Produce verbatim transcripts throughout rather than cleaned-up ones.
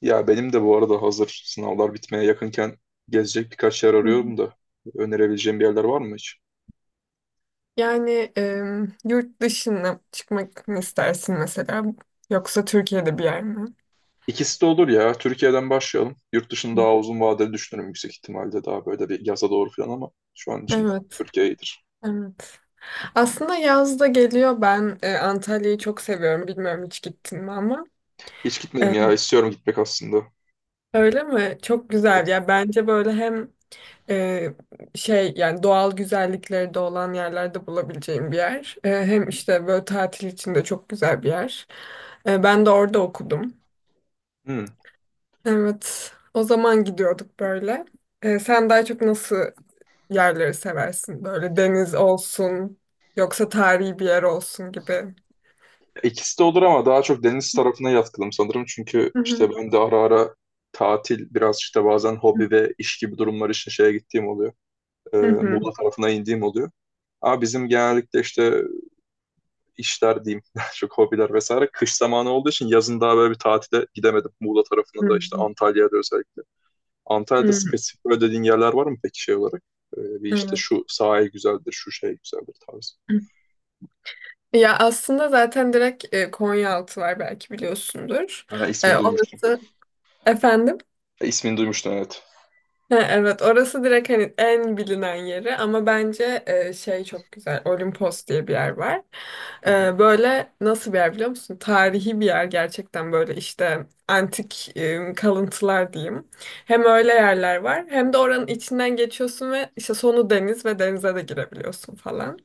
Ya benim de bu arada hazır sınavlar bitmeye yakınken gezecek birkaç yer Hı hı. arıyorum da önerebileceğim bir yerler var mı hiç? Yani em, yurt dışına çıkmak mı istersin mesela? Yoksa Türkiye'de bir yer mi? İkisi de olur ya. Türkiye'den başlayalım. Yurt dışını Hı. daha uzun vadeli düşünürüm, yüksek ihtimalle daha böyle bir yaza doğru falan, ama şu an için Evet, Türkiye iyidir. evet. Aslında yaz da geliyor. Ben e, Antalya'yı çok seviyorum. Bilmiyorum hiç gittin mi ama. Hiç gitmedim E, ya. İstiyorum gitmek aslında. Öyle mi? Çok Evet. güzel ya. Bence böyle hem e, şey yani doğal güzellikleri de olan yerlerde bulabileceğim bir yer. E, hem işte böyle tatil için de çok güzel bir yer. E, ben de orada okudum. Hmm. Evet. O zaman gidiyorduk böyle. Ee, sen daha çok nasıl yerleri seversin? Böyle deniz olsun, yoksa tarihi bir yer olsun gibi. İkisi de olur ama daha çok deniz tarafına yatkınım sanırım. Çünkü Hı hı. işte ben de ara ara tatil biraz işte bazen hobi ve iş gibi durumlar için şeye gittiğim oluyor. e, Hı hı. Muğla tarafına indiğim oluyor. Ama bizim genellikle işte işler diyeyim, daha çok hobiler vesaire kış zamanı olduğu için yazın daha böyle bir tatile gidemedim. Muğla tarafına Hı da işte hı. Antalya'ya da özellikle. Antalya'da Hı. spesifik böyle dediğin yerler var mı peki şey olarak? E, bir işte Evet. şu sahil güzeldir, şu şey güzeldir tarzı. Ya aslında zaten direkt e, Konyaaltı var, belki biliyorsundur. Ha, E, ismini duymuştum. orası efendim. Ha, ismini duymuştum, evet. Ha, evet, orası direkt hani en bilinen yeri, ama bence e, şey çok güzel Olimpos diye bir yer var. E, böyle nasıl bir yer biliyor musun? Tarihi bir yer gerçekten, böyle işte antik e, kalıntılar diyeyim. Hem öyle yerler var, hem de oranın içinden geçiyorsun ve işte sonu deniz, ve denize de girebiliyorsun falan.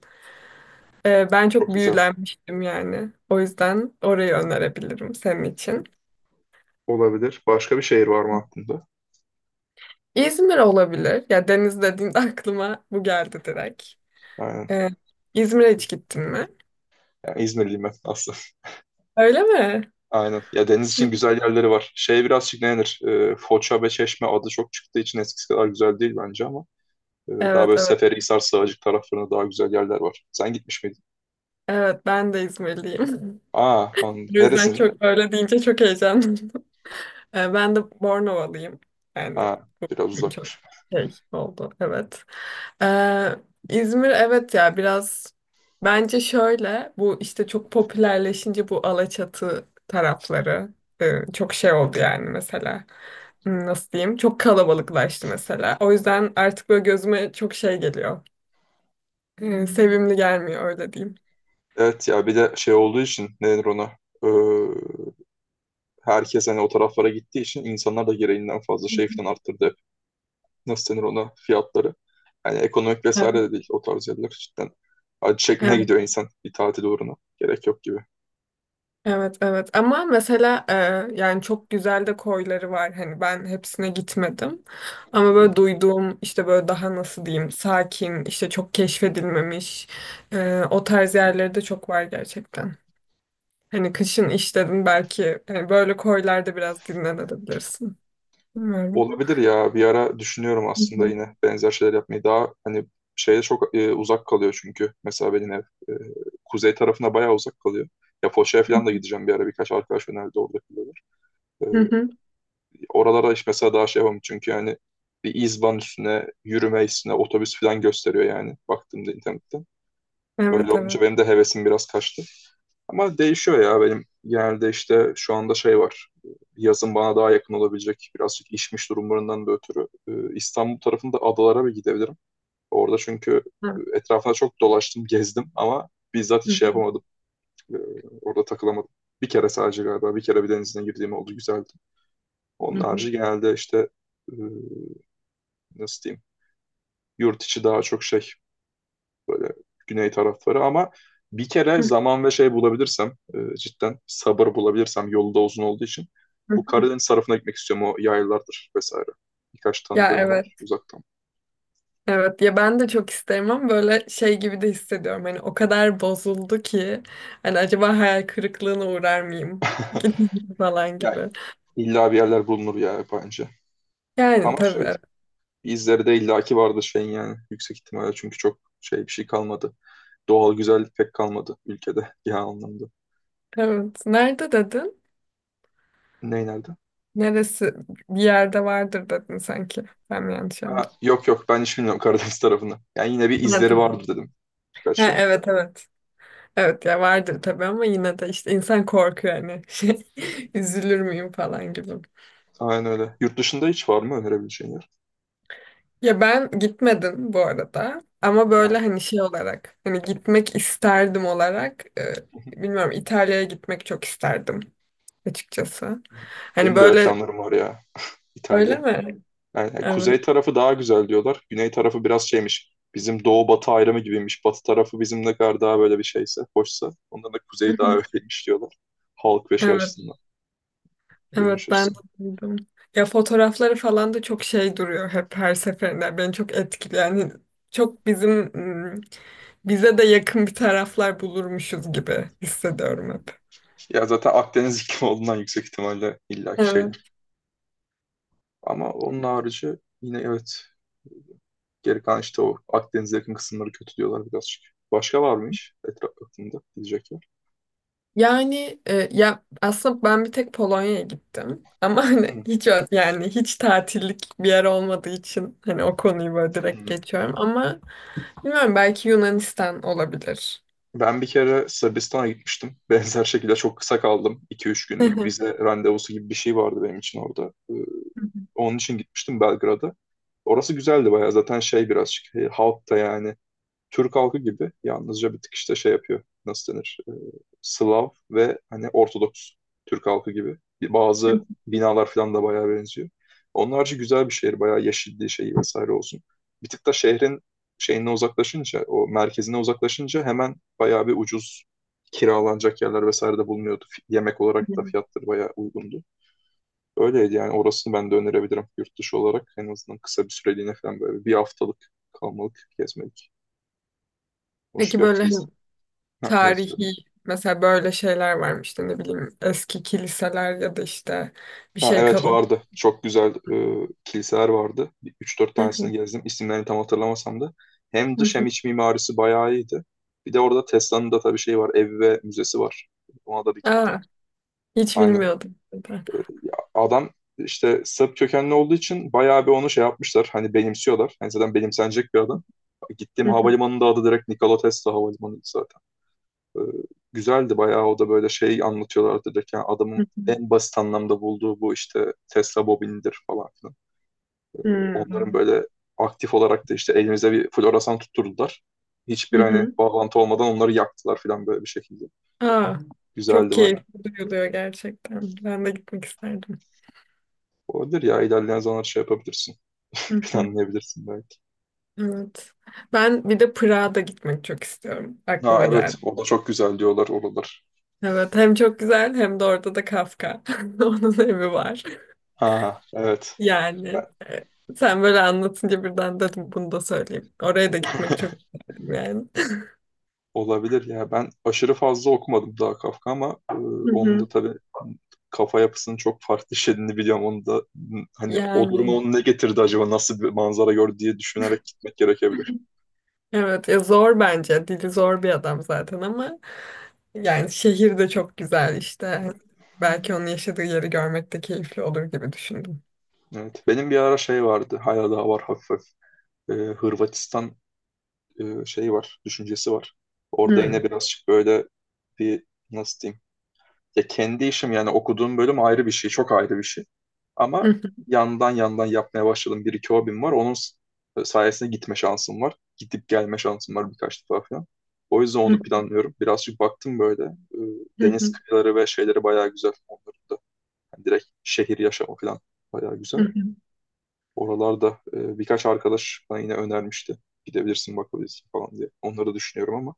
E, ben Çok çok güzel. büyülenmiştim yani. O yüzden orayı önerebilirim senin için. Olabilir. Başka bir şehir var mı aklında? İzmir olabilir. Ya deniz dediğinde aklıma bu geldi direkt. Aynen. Ee, İzmir'e hiç gittin mi? Yani İzmirliyim ben aslında. Öyle mi? Aynen. Ya, deniz için güzel yerleri var. Şey birazcık, ne denir? Ee, Foça ve Çeşme adı çok çıktığı için eskisi kadar güzel değil bence, ama e, daha Evet, böyle evet. Seferihisar, Sığacık taraflarında daha güzel yerler var. Sen gitmiş miydin? Evet, ben de İzmirliyim. Aa, an- O yüzden neresinde? çok öyle deyince çok heyecanlıyım. Ee, ben de Bornovalıyım. Yani Ha, bu biraz şimdi çok uzakmış. şey oldu. Evet. Ee, İzmir, evet ya, biraz bence şöyle, bu işte çok popülerleşince bu Alaçatı tarafları e, çok şey oldu yani mesela. Hmm, nasıl diyeyim? Çok kalabalıklaştı mesela. O yüzden artık böyle gözüme çok şey geliyor. E, sevimli gelmiyor, öyle diyeyim. Evet ya, bir de şey olduğu için, ne denir ona? Ee, herkes hani o taraflara gittiği için insanlar da gereğinden fazla şey falan arttırdı hep. Nasıl denir ona? Fiyatları. Yani ekonomik vesaire Evet, de değil o tarz yerler cidden. Acı çekmeye evet, gidiyor insan bir tatil uğruna. Gerek yok gibi. evet, evet. Ama mesela e, yani çok güzel de koyları var. Hani ben hepsine gitmedim. Ama böyle duyduğum işte, böyle daha nasıl diyeyim, sakin, işte çok keşfedilmemiş e, o tarz yerleri de çok var gerçekten. Hani kışın işledin belki, hani böyle koylarda biraz dinlenebilirsin. Bilmiyorum. Olabilir ya, bir ara düşünüyorum aslında yine benzer şeyler yapmayı, daha hani şeye çok e, uzak kalıyor çünkü mesela benim ev e, kuzey tarafına bayağı uzak kalıyor. Ya Foça'ya falan da gideceğim bir ara, birkaç arkadaş önerdi, orada kalıyorlar. E, Hı Hı hı. hı. oralara işte mesela daha şey yapamam çünkü yani bir izban üstüne yürüme üstüne otobüs falan gösteriyor yani baktığımda internette. Öyle Evet, olunca evet. benim de hevesim biraz kaçtı. Ama değişiyor ya, benim genelde işte şu anda şey var. Yazın bana daha yakın olabilecek birazcık işmiş durumlarından da ötürü e, İstanbul tarafında adalara bir gidebilirim. Orada çünkü e, etrafına çok dolaştım, gezdim ama bizzat Hı hiç şey hı. yapamadım. E, Orada takılamadım. Bir kere, sadece galiba bir kere bir denizine girdiğim oldu, güzeldi. Hı Onun hı. harici genelde işte e, nasıl diyeyim, yurt içi daha çok şey, güney tarafları ama bir kere zaman ve şey bulabilirsem, e, cidden sabır bulabilirsem yolu da uzun olduğu için Hı bu hı. Karadeniz tarafına gitmek istiyorum, o yaylalardır vesaire. Birkaç Ya tanıdığım var evet. uzaktan. Evet ya, ben de çok isterim ama böyle şey gibi de hissediyorum. Hani o kadar bozuldu ki, hani acaba hayal kırıklığına uğrar mıyım falan Yani gibi. illa bir yerler bulunur ya, bence. Yani Ama şey, tabii. izleri de illaki vardır şeyin yani, yüksek ihtimalle, çünkü çok şey bir şey kalmadı. Doğal güzellik pek kalmadı ülkede genel anlamda. Evet. Nerede dedin? Ne nerede? Neresi? Bir yerde vardır dedin sanki. Ben mi yanlış Ha, anladım? yok yok, ben hiç bilmiyorum Karadeniz tarafını. Yani yine bir Ha, izleri tamam. vardır dedim, birkaç Ha, şey. evet, evet. Evet ya, vardır tabii, ama yine de işte insan korkuyor hani, şey, üzülür müyüm falan gibi. Aynen öyle. Yurt dışında hiç var mı önerebileceğin yer? Ya ben gitmedim bu arada, ama böyle Ya, hani şey olarak, hani gitmek isterdim olarak, e, bilmiyorum, İtalya'ya gitmek çok isterdim açıkçası. Hani benim de öyle böyle, planlarım var ya. İtalya. öyle mi? Yani yani Evet. kuzey tarafı daha güzel diyorlar. Güney tarafı biraz şeymiş. Bizim doğu batı ayrımı gibiymiş. Batı tarafı bizim ne kadar daha böyle bir şeyse, hoşsa, ondan da kuzey daha öyleymiş diyorlar. Halk ve şey Evet. açısından. Görünüş Evet, ben de açısından. duydum. Ya fotoğrafları falan da çok şey duruyor hep her seferinde. Beni çok etkiliyor. Yani çok bizim, ım, bize de yakın bir taraflar bulurmuşuz gibi hissediyorum hep. Ya zaten Akdeniz iklimi olduğundan yüksek ihtimalle illaki şeydir. Evet. Ama onun harici, yine evet. Geri kalan işte o Akdeniz'e yakın kısımları kötü diyorlar birazcık. Başka var mı hiç etraf aklında gidecek yer? Yani e, ya aslında ben bir tek Polonya'ya gittim. Ama hani Hı. hiç ö- Yani hiç tatillik bir yer olmadığı için, hani o konuyu böyle direkt Hı. geçiyorum. Ama bilmiyorum, belki Yunanistan olabilir. Ben bir kere Sırbistan'a gitmiştim. Benzer şekilde çok kısa kaldım. iki üç günlük vize randevusu gibi bir şey vardı benim için orada. Ee, Onun için gitmiştim Belgrad'a. Orası güzeldi bayağı. Zaten şey birazcık, e, halk da yani Türk halkı gibi, yalnızca bir tık işte şey yapıyor. Nasıl denir? Ee, Slav ve hani Ortodoks, Türk halkı gibi. Bazı binalar falan da bayağı benziyor. Onun harici güzel bir şehir. Bayağı yeşilliği, şeyi vesaire olsun. Bir tık da şehrin şeyine uzaklaşınca, o merkezine uzaklaşınca hemen bayağı bir ucuz kiralanacak yerler vesaire de bulunuyordu. Fi- Yemek olarak da fiyatları bayağı uygundu. Öyleydi yani, orasını ben de önerebilirim yurt dışı olarak. En azından kısa bir süreliğine falan, böyle bir haftalık kalmalık gezmelik. Hoş Peki bir böyle yer. hani Ha, evet, söyledim. tarihi, mesela böyle şeyler varmış, işte ne bileyim, eski kiliseler ya da işte bir Ha, şey evet, kalın. vardı. Çok güzel e, kiliseler vardı. Bir- Üç dört Hı tanesini hı, gezdim. İsimlerini tam hatırlamasam da. Hem hı dış hem hı. iç mimarisi bayağı iyiydi. Bir de orada Tesla'nın da tabii şeyi var. Ev ve müzesi var. Ona da bir gittim. Aa, hiç Aynen. bilmiyordum. E, ya adam işte Sırp kökenli olduğu için bayağı bir onu şey yapmışlar. Hani benimsiyorlar. Hani zaten benimsenecek bir adam. Gittiğim havalimanının da adı direkt Nikola Tesla Havalimanı zaten. Ee, güzeldi bayağı, o da böyle şey anlatıyorlardı direkt, yani adamın en basit anlamda bulduğu bu işte Tesla bobinidir falan filan. Onların Hmm. böyle aktif olarak da işte elimize bir floresan tutturdular. Hiçbir hani bağlantı olmadan onları yaktılar filan, böyle bir şekilde. Aa, çok Güzeldi bayağı. keyifli duyuluyor gerçekten. Ben de gitmek isterdim. Olabilir ya, ilerleyen zamanlar şey yapabilirsin. Hı hı, Planlayabilirsin belki. evet. Ben bir de Prag'a da gitmek çok istiyorum. Ha, Aklıma evet, geldi. o da çok güzel diyorlar oralar. Evet, hem çok güzel hem de orada da Kafka. Onun evi var. Ha, evet. Yani e, sen böyle anlatınca birden dedim bunu da söyleyeyim. Oraya da gitmek çok isterim yani. Olabilir ya. Ben aşırı fazla okumadım daha Kafka, ama e, Hı onun da hı. tabii kafa yapısının çok farklı işlediğini biliyorum. Onu da, m, hani, o duruma Yani onu ne getirdi acaba, nasıl bir manzara gördü diye düşünerek gitmek gerekebilir. evet ya, zor bence. Dili zor bir adam zaten ama yani şehir de çok güzel işte. Belki onun yaşadığı yeri görmek de keyifli olur gibi düşündüm. Evet. Benim bir ara şey vardı. Hala daha var hafif hafif. E, Hırvatistan e, şeyi var. Düşüncesi var. Orada yine Hmm. birazcık böyle bir, nasıl diyeyim, ya kendi işim yani, okuduğum bölüm ayrı bir şey, çok ayrı bir şey. Ama yandan yandan yapmaya başladım. Bir iki hobim var. Onun s- sayesinde gitme şansım var. Gidip gelme şansım var birkaç defa falan. O yüzden onu planlıyorum. Birazcık baktım böyle. e, Deniz kıyıları ve şeyleri bayağı güzel. Onların da yani direkt şehir yaşamı falan bayağı güzel. Oralarda e, birkaç arkadaş bana yine önermişti. Gidebilirsin, bakabilirsin falan diye. Onları düşünüyorum ama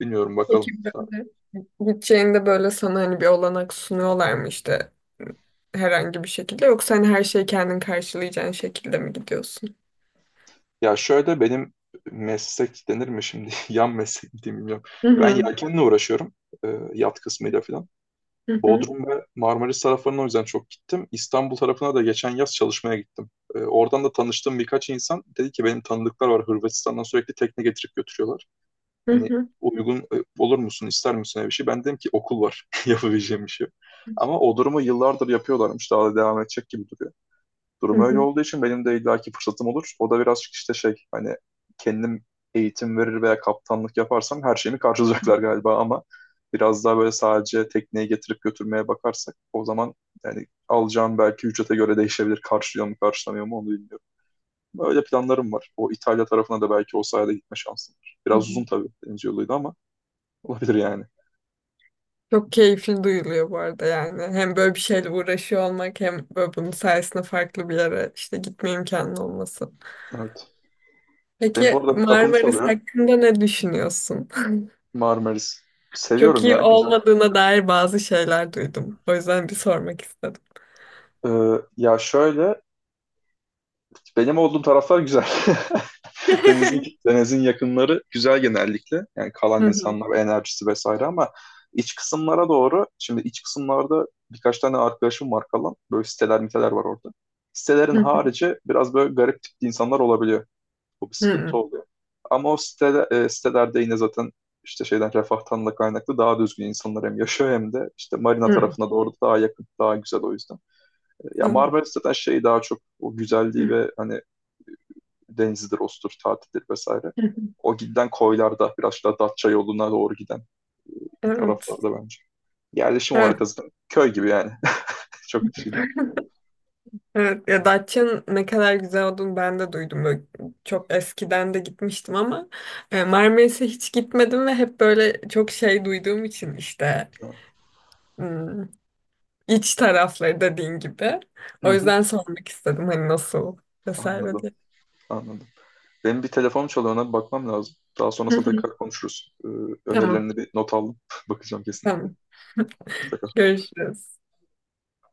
bilmiyorum, Peki bakalım. böyle gideceğinde, böyle sana hani bir olanak sunuyorlar mı işte herhangi bir şekilde, yoksa hani her şeyi kendin karşılayacağın şekilde mi gidiyorsun? Ya şöyle, benim meslek denir mi şimdi? Yan meslek mi diyeyim, bilmiyorum. Hı Ben hı, yelkenle uğraşıyorum. e, yat kısmıyla falan. hı hı, Bodrum ve Marmaris taraflarına o yüzden çok gittim. İstanbul tarafına da geçen yaz çalışmaya gittim. E, oradan da tanıştığım birkaç insan dedi ki, benim tanıdıklar var Hırvatistan'dan, sürekli tekne getirip götürüyorlar. hı Hani, hı, uygun e, olur musun, ister misin öyle bir şey? Ben dedim ki okul var, yapabileceğim bir şey yok. Ama o durumu yıllardır yapıyorlarmış. Daha da devam edecek gibi duruyor. hı Durum öyle hı, olduğu için benim de illaki fırsatım olur. O da birazcık işte şey hani, kendim eğitim verir veya kaptanlık yaparsam her şeyimi karşılayacaklar galiba, ama biraz daha böyle sadece tekneyi getirip götürmeye bakarsak o zaman yani alacağım belki ücrete göre değişebilir. Karşılıyor mu karşılamıyor mu onu bilmiyorum. Öyle planlarım var. O İtalya tarafına da belki o sayede gitme şansım var. hı Biraz uzun hı. tabii deniz yoluydu ama olabilir yani. Çok keyifli duyuluyor bu arada yani. Hem böyle bir şeyle uğraşıyor olmak, hem böyle bunun sayesinde farklı bir yere işte gitme imkanı olması. Evet. Benim bu Peki arada bir kapım Marmaris çalıyor. hakkında ne düşünüyorsun? Marmaris. Çok Seviyorum ya, iyi güzel. olmadığına dair bazı şeyler duydum. O yüzden bir sormak istedim. Ee, ya şöyle, benim olduğum taraflar güzel. Denizin, denizin yakınları güzel genellikle. Yani Hı kalan hı. insanlar, enerjisi vesaire, ama iç kısımlara doğru, şimdi iç kısımlarda birkaç tane arkadaşım var kalan. Böyle siteler miteler var orada. Sitelerin Hı harici biraz böyle garip tipli insanlar olabiliyor. Bu bir sıkıntı hı. oluyor. Ama o site, e, sitelerde yine zaten işte şeyden, refahtan da kaynaklı, daha düzgün insanlar hem yaşıyor hem de işte marina Hı tarafına doğru daha yakın, daha güzel o yüzden. E, Ya hı. Marmaris zaten şey daha çok o güzelliği Hı. ve hani denizidir, ostur, tatildir vesaire. O giden koylarda, biraz daha Datça yoluna doğru giden bir Evet. taraflarda bence. Yerleşim Evet, olarak azından köy gibi yani. Çok bir şey değil. evet. Ya Datça'nın ne kadar güzel olduğunu ben de duydum. Böyle çok eskiden de gitmiştim, ama e, Marmaris'e hiç gitmedim ve hep böyle çok şey duyduğum için işte, hmm, iç tarafları dediğin gibi. Hı O hı. yüzden sormak istedim, hani nasıl vesaire. Anladım, anladım. Benim bir telefonum çalıyor, ona bir bakmam lazım. Daha sonrasında tekrar konuşuruz. Ee, Tamam, Önerilerini bir not aldım. Bakacağım kesinlikle. tamam. Hoşça kal. Görüşürüz.